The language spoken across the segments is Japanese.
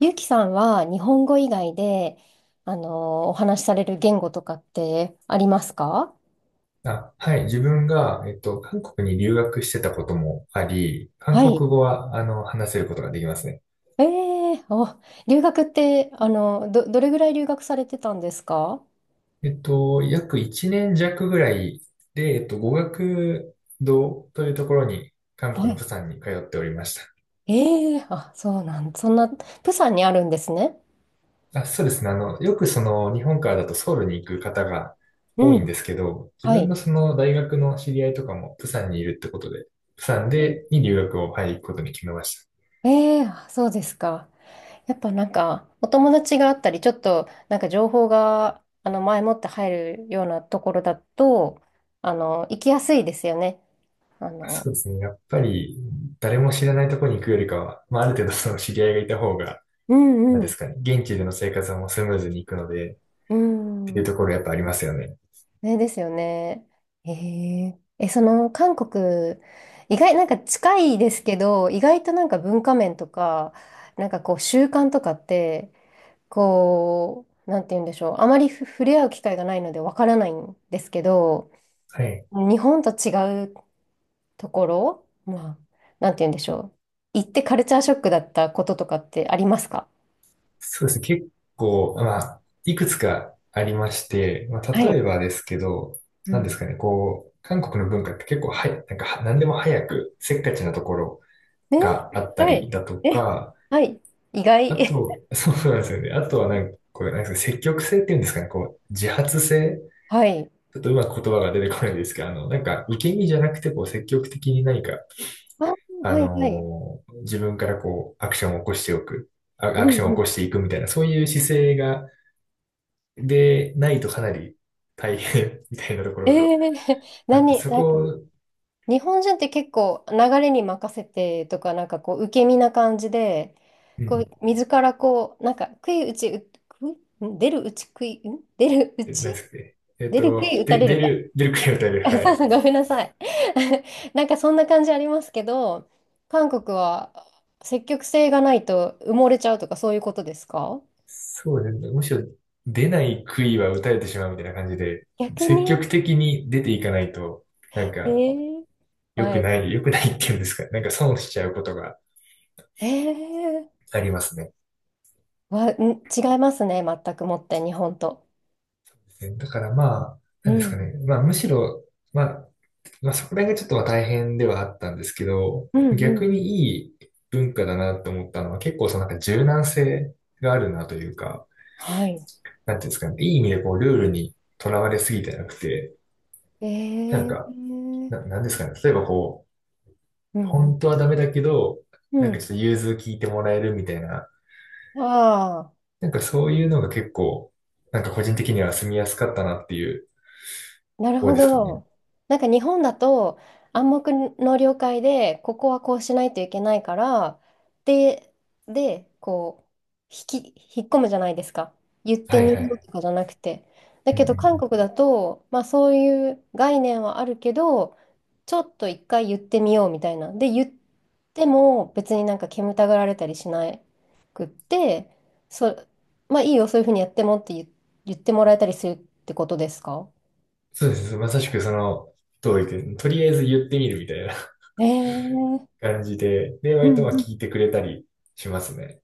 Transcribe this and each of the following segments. ゆうきさんは日本語以外で、お話しされる言語とかってありますか？あ、はい。自分が、韓国に留学してたこともあり、韓は国い。語は、話せることができますね。ええーお、留学って、どれぐらい留学されてたんですか？約1年弱ぐらいで、語学堂というところに、韓は国のい。釜山に通っておりました。ええーあ、そうなん、そんな、プサンにあるんですね。あ、そうですね。あの、よくその、日本からだとソウルに行く方が多ういんん。ですけど、自は分い。のその、大学の知り合いとかも釜山にいるってことで、釜山えで、に留学を、はい、行くことに決めました。えーあ、そうですか。やっぱなんか、お友達があったり、ちょっと、なんか情報が、前もって入るようなところだと、行きやすいですよね。あの、そうですね。やっぱり、誰も知らないところに行くよりかは、まあ、ある程度その知り合いがいた方が、うなんんうですん。かね、現地での生活はもうスムーズに行くので、っうていうん。ところやっぱありますよね。ねですよね。その韓国、意外、なんか近いですけど、意外となんか文化面とか、なんかこう習慣とかって、こう、なんて言うんでしょう。あまり触れ合う機会がないのでわからないんですけど、はい。日本と違うところ、まあ、なんて言うんでしょう。行ってカルチャーショックだったこととかってありますか？そうですね。結構、まあ、いくつかありまして、まあ、は例えい。ばですけど、うなんですん。かね、こう、韓国の文化って結構はや、なんかは、何でも早く、せっかちなところね、があったはりい。だとえ、か、はい。意あ外。と、そうなんですよね。あとはなんか、こう、なんですか、積極性っていうんですかね。こう、自発性はい。ちょっとうまく言葉が出てこないですけど、なんか、受け身じゃなくて、こう、積極的に何か、あ、はいはい。自分からこう、アクションを起こしておく、うアクショんンをう起ん。こしていくみたいな、そういう姿勢が、で、ないとかなり大変 みたいなとこえろがえ あって、そなんこか、を、日本人って結構流れに任せてとか、なんかこう、受け身な感じで、うこう、ん、自らこう、なんか、悔い打ち、う、くん出るうち食ん出るうえ何ちですかね。えっ出る悔と、い打たで、れ出るか。る、出る杭を打たれる、は そうい。そう、ごめんなさい。なんかそんな感じありますけど、韓国は積極性がないと埋もれちゃうとかそういうことですか？そうですね。むしろ、出ない杭は打たれてしまうみたいな感じで、逆積に、極的に出ていかないと、なんえか、え、はい。良くないっていうんですか。なんか損しちゃうことが、ええ、ありますね。わ、ん、違いますね。全くもって、日本と。だからまあ、うなんですかん。ね。まあむしろ、まあ、まあそこら辺がちょっとまあ大変ではあったんですけど、うんう逆ん。にいい文化だなと思ったのは結構そのなんか柔軟性があるなというか、はい。なんていうんですかね。いい意味でこうルールにとらわれすぎてなくて、えなんー、うか、んなんですかね、例えばこうう、ん。本当はダメだけど、うなんかちょっん。と融通聞いてもらえるみたいな、ああ。なんかそういうのが結構、なんか個人的には住みやすかったなっていうなとるこほろですかね。ど。なんか日本だと暗黙の了解でここはこうしないといけないから、で、でこう引っ込むじゃないですか。言ってはいみよはうい。とかじゃなくて。だうんけうど韓ん、国だと、まあ、そういう概念はあるけど、ちょっと一回言ってみようみたいな。で、言っても別になんか煙たがられたりしなくって、そ、まあいいよそういうふうにやってもって言ってもらえたりするってことですか？そうです。まさしくその通りで、とりあえず言ってみるみたいな え え、感じで、で、う割んとまあうん。聞いてくれたりしますね。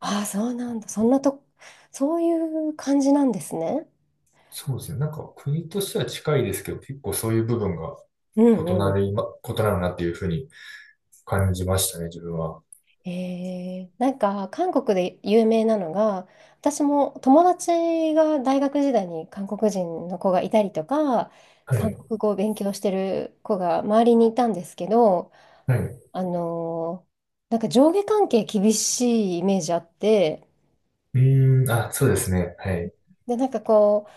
ああ、そうなんだ。そんなと、そういう感じなんですね。そうですね。なんか国としては近いですけど、結構そういう部分がうんう異なるなっていうふうに感じましたね、自分は。ん。えー、なんか、韓国で有名なのが、私も友達が大学時代に韓国人の子がいたりとか、は韓い。国語を勉強してる子が周りにいたんですけど、はい。うあのーなんか上下関係厳しいイメージあって、ーん、あ、そうですね。はい。で、なんかこう、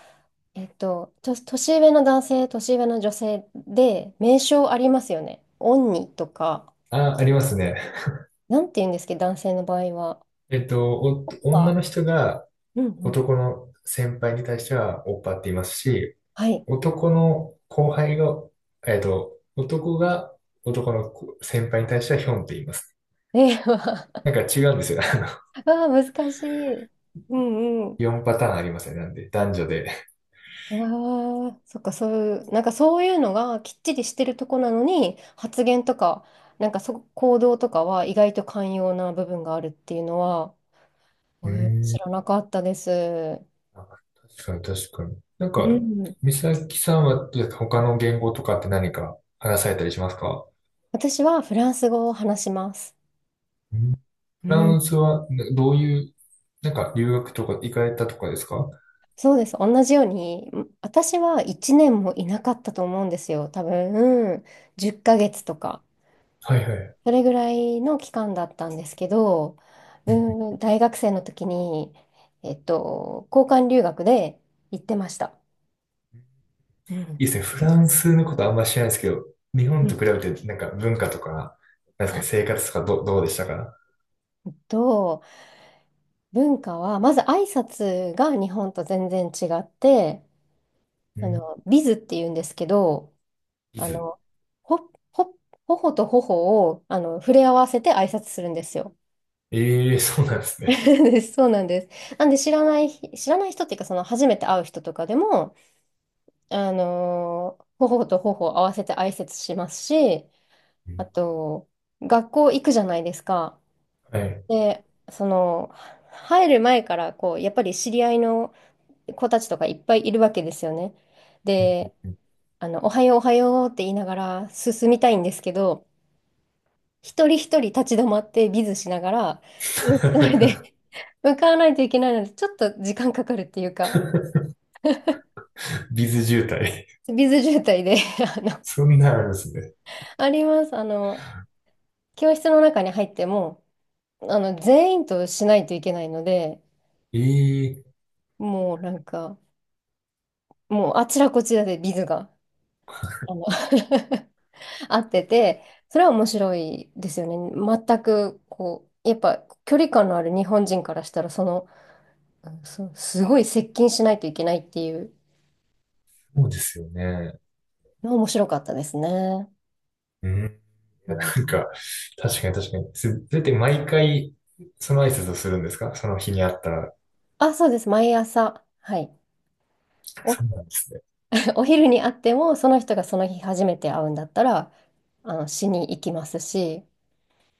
年上の男性、年上の女性で、名称ありますよね。オンニとか、あ、ありますね。なんて言うんですけど、男性の場合は。女あ、の人がうんうん。男の先輩に対してはオッパって言いますし、はい。男の後輩が、えっと、男が男の子先輩に対してはヒョンって言います。えー、わなんか違うんですよ。あの、あ、難しい。うんうん。4パターンありますね。なんで、男女で。わあ、そっか、そういう、なんかそういうのがきっちりしてるとこなのに、発言とか、なんかそ、行動とかは意外と寛容な部分があるっていうのは、えうー、ー知らん。なかったです。あ、確かに確かに。なんうか、ん。美咲さんは他の言語とかって何か話されたりしますか？私はフランス語を話します。うん、うフランん、スはな、どういう、なんか留学とか行かれたとかですか？はそうです。同じように、私は1年もいなかったと思うんですよ。多分、うん、10ヶ月とか、いはい、それぐらいの期間だったんですけど、うん、大学生の時に、えっと、交換留学で行ってました。ういいん。ですね。フランスのことあんま知らないですけど、日本うと比ん。べてなんか文化とか、なんですはかね、い。生活とかどうでしたか？えっと、文化は、まず挨拶が日本と全然違って、うん。ビズっていうんですけど、ビあズ。の、ほ、ほ、頬と頬を、触れ合わせて挨拶するんですよ。ええ、そうなんですね。そうです、そうなんです。なんで知らない人っていうか、その初めて会う人とかでも、頬と頬を合わせて挨拶しますし、うあん、と、学校行くじゃないですか。はい。で、その、入る前から、こう、やっぱり知り合いの子たちとかいっぱいいるわけですよね。うんうんで、うん。 おはようって言いながら進みたいんですけど、一人一人立ち止まってビズしながら、教室ま で 向かわないといけないので、ちょっと時間かかるっていうか。ビズ渋滞。ビズ渋滞で あの、そんなんあるんですね。あります。教室の中に入っても、全員としないといけないので、ええ、もうなんか、もうあちらこちらでビズが、あの 合ってて、それは面白いですよね。全く、こう、やっぱ距離感のある日本人からしたら、その、うん、そう、すごい接近しないといけないっていうそうですよね。のは面白かったですね。うん。うなんん、か、確かに確かに。それって毎回、その挨拶をするんですか、その日にあったら。あ、そうです。毎朝。はい。そうなんですね。お昼に会っても、その人がその日初めて会うんだったら、しに行きますし、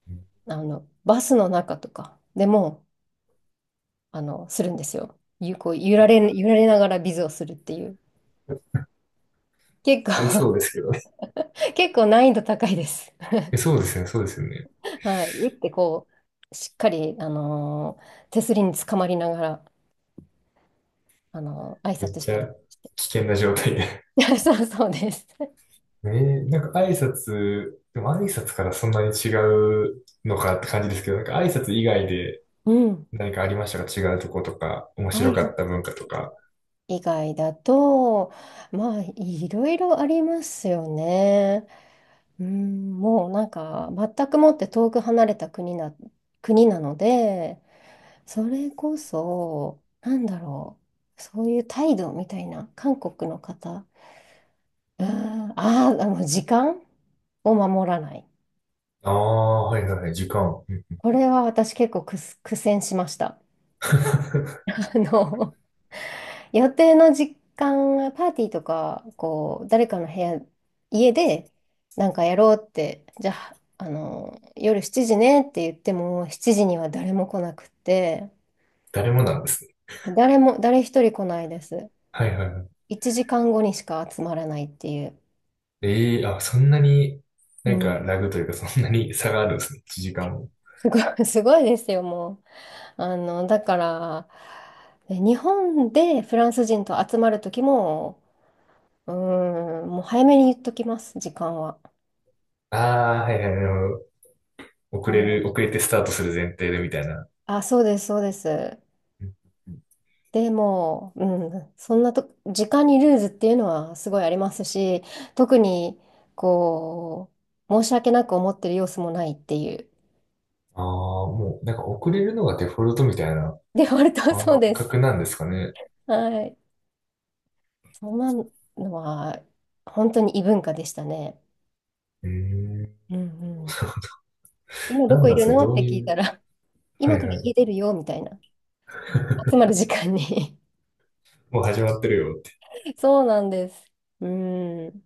うん、バスの中とかでも、するんですよ。ゆ、こう、揺られ、あ、揺られながらビズをするっていう。結ありそう構 ですけどね。結構難易度高いです。え、そうですよね、そうですよね。はい。打ってこう、しっかり、あのー手すりにつかまりながら、あのー挨めっ拶しちたゃり。危険な状態で。 そう、そうです。ええ、なんか挨拶、でも挨拶からそんなに違うのかって感じですけど、なんか挨拶以外で うん。何かありましたか、違うとことか、面挨白か拶った文化とか。以外だと、まあ、いろいろありますよね。うーん、もうなんか全くもって遠く離れた国なので、それこそ、なんだろう、そういう態度みたいな、韓国の方、うーん、あー、時間を守らない。ああ、はいはいはい、時間。うん。 これは私結構苦戦しました。あの、予定の時間はパーティーとか、こう、誰かの部屋、家で、なんかやろうって、じゃあ、あの、夜7時ねって言っても、7時には誰も来なくて、誰もなんですね。誰も、誰一人来ないです。はいはいはい。1時間後にしか集まらないっていう。ええ、あ、そんなに、うなんかん。ラグというかそんなに差があるんですね。1時間も。すごい、すごいですよ、もう。あの、だから、ね日本でフランス人と集まるときも、うーん、もう早めに言っときます、時間は。ああ、はいはい、なるほど。も遅う、れてスタートする前提でみたいな。あ、そうです、そうです。うんうん。でも、うん、そんなと、時間にルーズっていうのはすごいありますし、特に、こう、申し訳なく思ってる様子もないっていう、ああ、もうなんか遅れるのがデフォルトみたいなデフォルトはそ感うです。覚なんですかね。はい。そんなのは、本当に異文化でしたね。えー、うんうん。今どなこんいなんでるすか、のっどてうい聞いたう、ら、は今いからはい。家出るよ、みたいな。集まる時間に もう始まってるよって。そうなんです。うん。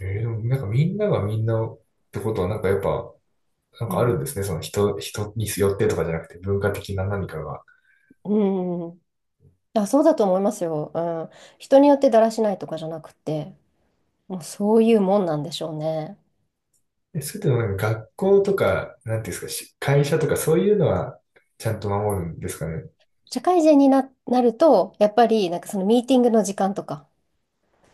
えー、でもなんかみんながみんなってことはなんかやっぱ、なんうかあるん。んですね。その人、人によってとかじゃなくて文化的な何かが。うん。あ、そうだと思いますよ。うん。人によってだらしないとかじゃなくて。もうそういうもんなんでしょうね。え、それともなんか学校とか、なんていうんですか、し会社とかそういうのはちゃんと守るんですかね。社会人になると、やっぱりなんかそのミーティングの時間とか、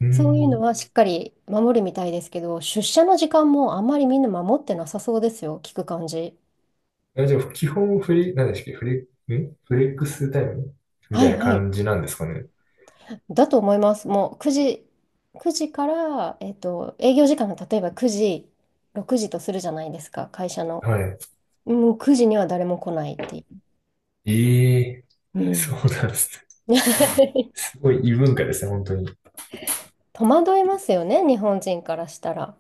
うーそういうのん。はしっかり守るみたいですけど、出社の時間もあんまりみんな守ってなさそうですよ、聞く感じ。あ、じゃあ基本フリ、何でしたっけフレ、んフレックスタイムみはたいいなはい。感じなんですかね。だと思います。もう9時、9時から、えっと、営業時間が例えば9時、6時とするじゃないですか、会社の。はい。もう9時には誰も来ないっていええ、う。うそん。うなんですね。すごい異文化ですね、本当に。戸惑いますよね、日本人からしたら。